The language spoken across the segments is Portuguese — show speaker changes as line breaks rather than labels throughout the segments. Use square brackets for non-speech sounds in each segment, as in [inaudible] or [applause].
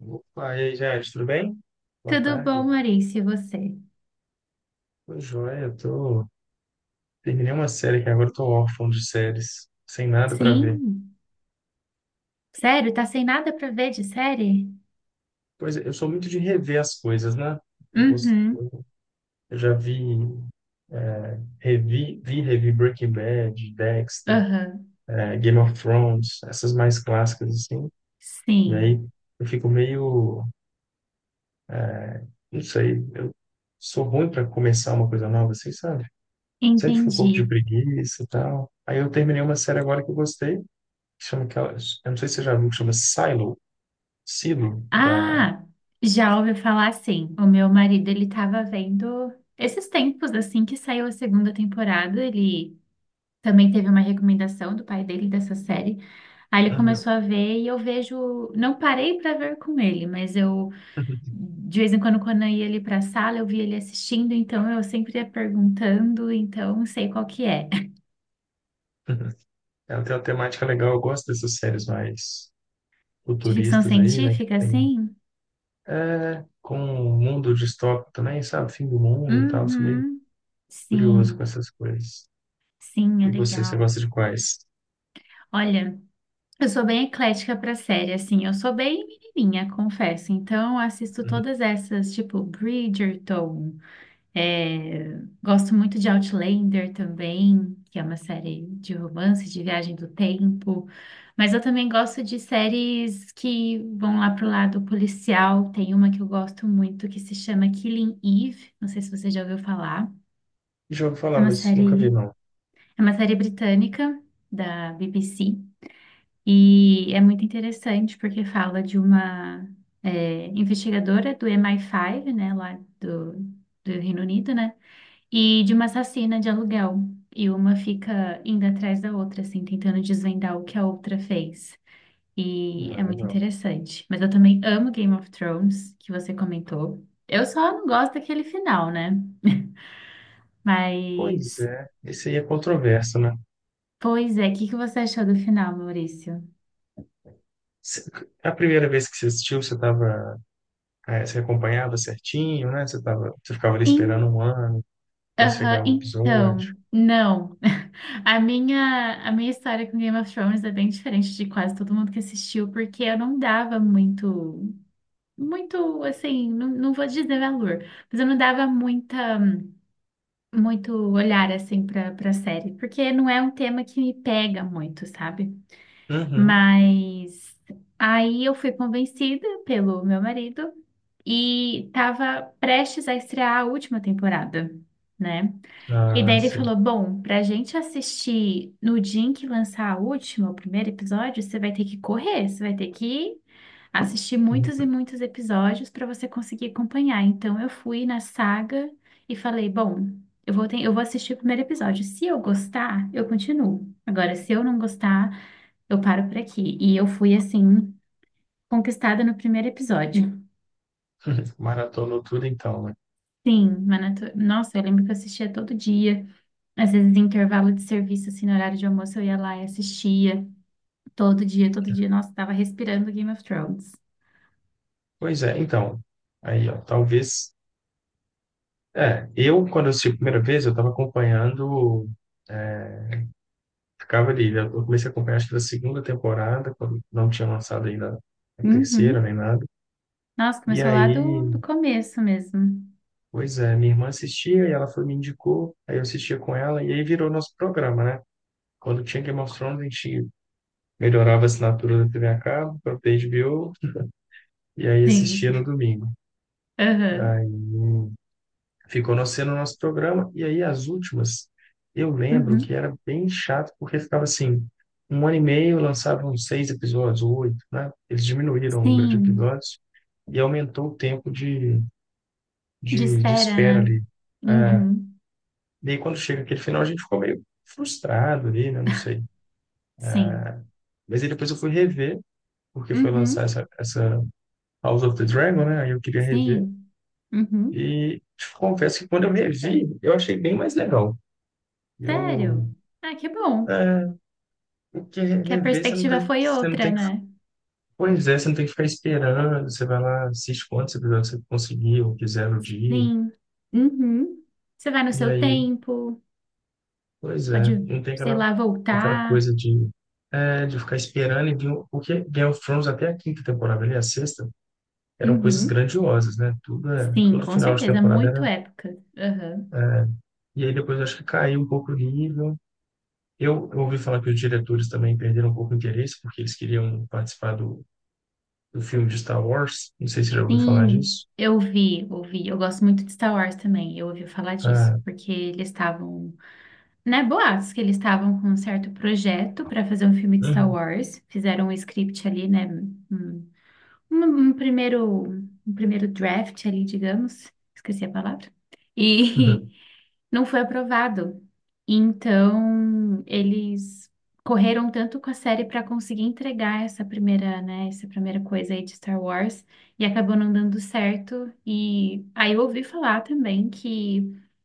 Opa, e aí, Jade, tudo bem? Boa
Tudo bom,
tarde.
Maurício, e você?
Tô joia, eu tô... Terminei uma série que agora eu tô órfão de séries, sem nada pra ver.
Sim. Sério, tá sem nada pra ver de série?
Pois é, eu sou muito de rever as coisas, né? Eu gosto-
Uhum.
eu já vi, é, revi, vi, e revi Breaking Bad, Dexter,
Aham.
Game of Thrones, essas mais clássicas, assim. E aí
Sim.
eu fico meio... Não sei, eu sou ruim pra começar uma coisa nova, assim, sabe? Sempre fico com um pouco de
Entendi.
preguiça e tal. Aí eu terminei uma série agora que eu gostei, chama aquela, eu não sei se você já viu, que chama Silo, Silo, da.
Ah, já ouvi falar assim. O meu marido, ele tava vendo esses tempos assim que saiu a segunda temporada, ele também teve uma recomendação do pai dele dessa série. Aí ele
Aham.
começou a ver e eu vejo, não parei pra ver com ele, mas eu de vez em quando, quando eu ia ali para a sala, eu via ele assistindo, então eu sempre ia perguntando, então sei qual que é. [laughs]
[laughs] Ela tem uma temática legal, eu gosto dessas séries mais
De ficção
futuristas aí, né? Que
científica,
tem.
assim?
É, com um mundo distópico também, sabe? Fim do mundo e tal, sou meio
Uhum,
curioso com
sim,
essas coisas.
sim, é
E você, você
legal.
gosta de quais?
Olha, eu sou bem eclética para série, assim, eu sou bem menininha, confesso. Então, eu assisto
Uhum.
todas essas, tipo, Bridgerton. É, gosto muito de Outlander também, que é uma série de romance, de viagem do tempo. Mas eu também gosto de séries que vão lá pro lado policial. Tem uma que eu gosto muito que se chama Killing Eve. Não sei se você já ouviu falar.
Já ouvi
É
falar,
uma
mas nunca vi,
série,
não.
é uma série britânica da BBC e é muito interessante porque fala de uma investigadora do MI5, né, lá do, Reino Unido, né? E de uma assassina de aluguel. E uma fica indo atrás da outra, assim, tentando desvendar o que a outra fez. E
Não
é
é
muito
legal.
interessante. Mas eu também amo Game of Thrones, que você comentou. Eu só não gosto daquele final, né? [laughs]
Pois
Mas,
é, esse aí é controverso, né?
pois é, o que que você achou do final, Maurício?
Cê- A primeira vez que você assistiu, você estava, é, você acompanhava certinho, né? Você ficava ali
In...
esperando um ano para
Aham,
chegar o episódio.
então, não. [laughs] A minha história com Game of Thrones é bem diferente de quase todo mundo que assistiu, porque eu não dava muito assim, não, não vou dizer valor, mas eu não dava muito olhar assim para série, porque não é um tema que me pega muito, sabe?
Uhum.
Mas aí eu fui convencida pelo meu marido e estava prestes a estrear a última temporada, né? E
Ah,
daí ele
sim.
falou: Bom, pra gente assistir no dia em que lançar a última, o primeiro episódio, você vai ter que correr, você vai ter que assistir muitos e
[laughs]
muitos episódios para você conseguir acompanhar. Então eu fui na saga e falei: Bom, eu vou assistir o primeiro episódio. Se eu gostar, eu continuo. Agora, se eu não gostar, eu paro por aqui. E eu fui assim, conquistada no primeiro episódio.
Maratonou tudo então, né?
Sim, Nossa, eu lembro que eu assistia todo dia. Às vezes, em intervalo de serviço, assim, no horário de almoço, eu ia lá e assistia. Todo dia, todo dia. Nossa, tava respirando Game of Thrones.
Pois é, então. Aí, ó, talvez. É, eu, quando eu assisti a primeira vez, eu estava acompanhando, é, ficava ali. Eu comecei a acompanhar, acho que da segunda temporada, quando não tinha lançado ainda a
Uhum.
terceira nem nada.
Nossa,
E
começou lá do,
aí,
do começo mesmo.
pois é, minha irmã assistia e ela foi, me indicou. Aí eu assistia com ela e aí virou nosso programa, né? Quando tinha Game of Thrones, a gente melhorava a assinatura da TV a cabo para HBO e aí
Sim.
assistia no domingo.
Aham.
Aí ficou no sendo o nosso programa e aí as últimas, eu lembro que
Uhum.
era bem chato porque ficava assim, um ano e meio lançavam seis episódios, oito, né? Eles diminuíram o número de
Sim.
episódios e aumentou o tempo
De
de
espera,
espera
né?
ali. Ah,
Uhum.
daí quando chega aquele final a gente ficou meio frustrado ali, né? Não sei.
Sim.
Mas aí depois eu fui rever porque foi lançar
Uhum.
essa House of the Dragon, né? Aí eu queria rever.
Sim. Uhum.
E te confesso que quando eu revi, eu achei bem mais legal. Eu,
Sério? Ah, que bom.
é, porque
Que a
rever você não tá,
perspectiva foi
você não
outra,
tem que,
né?
pois é, você não tem que ficar esperando. Você vai lá, assiste quantos episódios você conseguir ou quiser no dia.
Sim. Uhum. Você vai no
E
seu
aí,
tempo,
pois é,
pode,
não tem
sei
aquela,
lá,
aquela
voltar.
coisa de, de ficar esperando e vir, porque Game of Thrones até a quinta temporada ali, a sexta, eram coisas
Uhum.
grandiosas, né? Tudo,
Sim,
todo
com
final de
certeza,
temporada
muito
era,
época. Aham.
e aí depois eu acho que caiu um pouco o nível. Eu ouvi falar que os diretores também perderam um pouco o interesse, porque eles queriam participar do, do filme de Star Wars. Não sei se você já ouviu falar
Sim,
disso.
eu vi, ouvi. Eu gosto muito de Star Wars também. Eu ouvi falar disso,
Ah,
porque eles estavam, né, boatos que eles estavam com um certo projeto para fazer um filme de Star
uhum,
Wars. Fizeram um script ali, né, um, um- um primeiro, um primeiro draft ali, digamos. Esqueci a palavra. E
uhum.
[laughs] não foi aprovado. Então, eles correram tanto com a série para conseguir entregar essa primeira, né, essa primeira coisa aí de Star Wars e acabou não dando certo. E aí eu ouvi falar também que,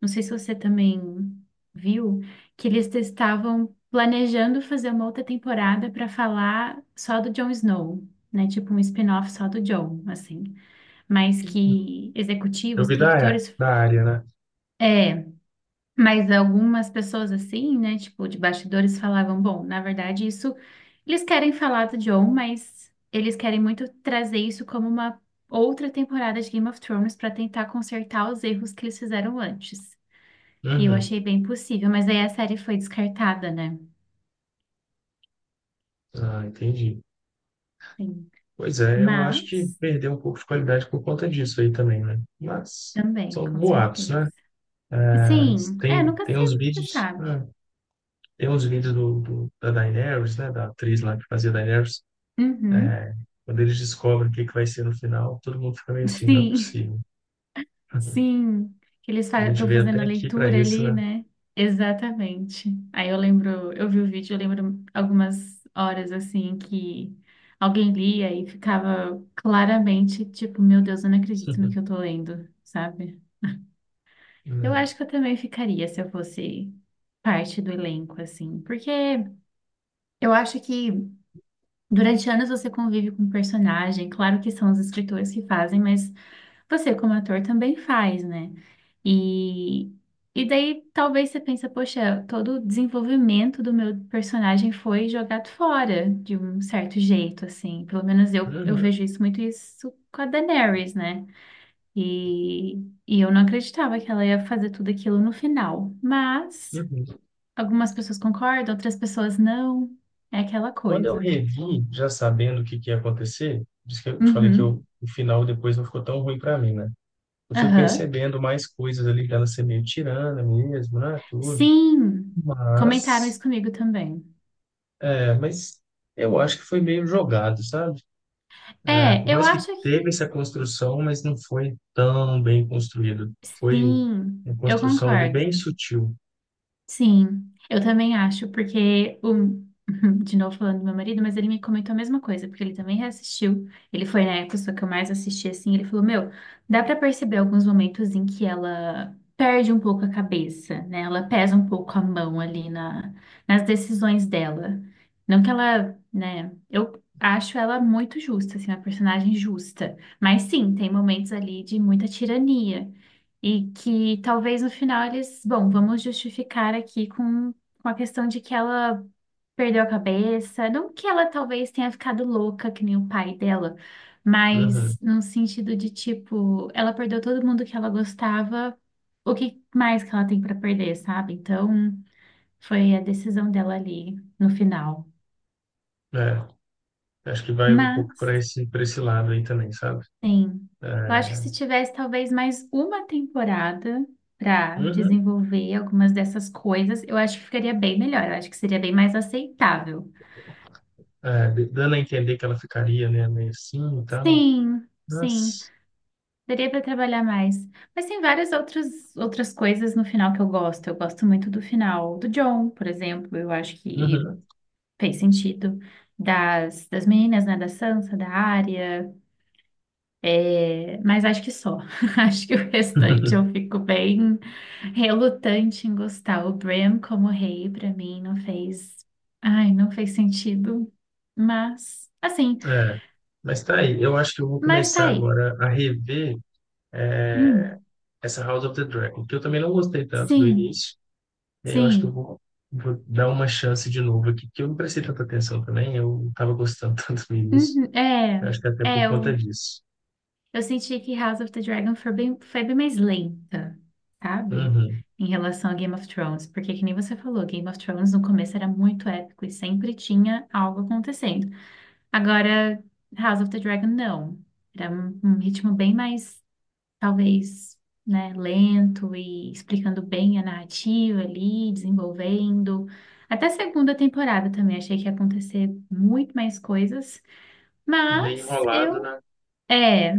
não sei se você também viu, que eles estavam planejando fazer uma outra temporada para falar só do Jon Snow. Né, tipo um spin-off só do Jon, assim, mas que
Eu
executivos,
vi da,
produtores,
da área, né?
é, mas algumas pessoas assim, né, tipo, de bastidores falavam, bom, na verdade isso, eles querem falar do Jon, mas eles querem muito trazer isso como uma outra temporada de Game of Thrones para tentar consertar os erros que eles fizeram antes. E eu
Uhum.
achei bem possível, mas aí a série foi descartada, né?
Ah, entendi.
Sim.
Pois é, eu acho que
Mas
perdeu um pouco de qualidade por conta disso aí também, né? Mas
também,
são
com
boatos,
certeza.
né? Mas
Sim, é,
tem,
nunca
tem
se,
uns
se
vídeos,
sabe.
ah, tem uns vídeos do, da Daenerys, né? Da atriz lá que fazia Daenerys.
Uhum.
É, quando eles descobrem o que, que vai ser no final, todo mundo fica meio assim, não é
Sim.
possível.
Sim, que eles
A gente
estão
veio
fazendo
até
a
aqui para
leitura
isso,
ali,
né?
né? Exatamente. Aí eu lembro, eu vi o vídeo, eu lembro algumas horas assim que alguém lia e ficava claramente tipo, meu Deus, eu não acredito no que eu
[laughs]
tô lendo, sabe? Eu
É.
acho que eu também ficaria se eu fosse parte do elenco, assim, porque eu acho que durante anos você convive com um personagem, claro que são os escritores que fazem, mas você como ator também faz, né? E, e daí talvez você pensa, poxa, todo o desenvolvimento do meu personagem foi jogado fora de um certo jeito, assim. Pelo menos eu
Uhum,
vejo isso muito isso com a Daenerys, né? E, e eu não acreditava que ela ia fazer tudo aquilo no final. Mas
uhum.
algumas pessoas concordam, outras pessoas não. É aquela
Quando eu
coisa.
revi, já sabendo o que, que ia acontecer, por isso que eu te falei que
Uhum.
eu, o final depois não ficou tão ruim para mim, né? Eu fui
Aham.
percebendo mais coisas ali dela ser meio tirana mesmo, né? Tudo.
Sim, comentaram
Mas,
isso comigo também.
mas eu acho que foi meio jogado, sabe? É,
É,
por
eu
mais que
acho
teve
que.
essa construção, mas não foi tão bem construído. Foi
Sim,
uma
eu
construção ali bem
concordo.
sutil.
Sim, eu também acho, porque o. [laughs] De novo falando do meu marido, mas ele me comentou a mesma coisa, porque ele também reassistiu. Ele foi na época só que eu mais assisti assim. Ele falou: Meu, dá pra perceber alguns momentos em que ela perde um pouco a cabeça, né? Ela pesa um pouco a mão ali nas decisões dela. Não que ela, né? Eu acho ela muito justa, assim, uma personagem justa. Mas sim, tem momentos ali de muita tirania. E que talvez no final eles, bom, vamos justificar aqui com, a questão de que ela perdeu a cabeça, não que ela talvez tenha ficado louca, que nem o pai dela,
Uhum.
mas no sentido de tipo, ela perdeu todo mundo que ela gostava, o que mais que ela tem para perder, sabe? Então, foi a decisão dela ali no final.
É. Acho que vai um pouco
Mas.
para esse lado aí também, sabe?
Sim.
É,
Eu acho que se tivesse talvez mais uma temporada para
uhum.
desenvolver algumas dessas coisas, eu acho que ficaria bem melhor. Eu acho que seria bem mais aceitável.
É, dando a entender que ela ficaria, né, meio assim e tal.
Sim, sim.
Mas,
Daria para trabalhar mais. Mas tem várias outras coisas no final que eu gosto. Eu gosto muito do final do John, por exemplo. Eu acho que
uhum.
fez sentido. Das meninas, né? Da Sansa, da Arya. É, mas acho que só. [laughs] Acho que o restante eu
[laughs]
fico bem relutante em gostar. O Bram como rei, pra mim, não fez. Ai, não fez sentido. Mas, assim,
É, mas tá aí. Eu acho que eu vou
mas tá
começar
aí.
agora a rever, é,
Hum,
essa House of the Dragon, que eu também não gostei tanto do
sim,
início. E aí eu acho que eu
sim.
vou, vou dar uma chance de novo aqui, que eu não prestei tanta atenção também. Eu não estava gostando [laughs] tanto no início.
Uhum,
Eu acho que até por
é,
conta
eu,
disso.
eu senti que House of the Dragon foi bem mais lenta, sabe?
Uhum.
Em relação a Game of Thrones, porque que nem você falou, Game of Thrones no começo era muito épico e sempre tinha algo acontecendo. Agora, House of the Dragon, não. Era um ritmo bem mais talvez, né, lento e explicando bem a narrativa ali, desenvolvendo. Até a segunda temporada também achei que ia acontecer muito mais coisas,
Meio
mas
enrolado,
eu
né?
é,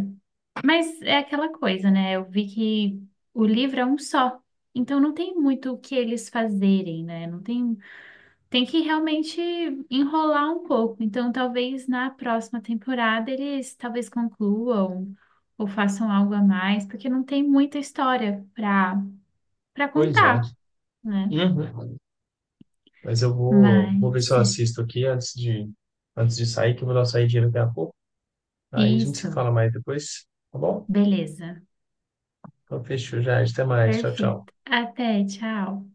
mas é aquela coisa, né? Eu vi que o livro é um só. Então não tem muito o que eles fazerem, né? Não tem tem que realmente enrolar um pouco. Então, talvez na próxima temporada eles talvez concluam ou façam algo a mais, porque não tem muita história para
Pois é.
contar, né?
Uhum. Mas eu vou, vou ver se eu
Mas é
assisto aqui antes de sair, que eu vou dar uma saidinha daqui a pouco. Aí a gente se
isso.
fala mais depois, tá bom?
Beleza.
Então fechou já, até mais. Tchau, tchau.
Perfeito. Até, tchau.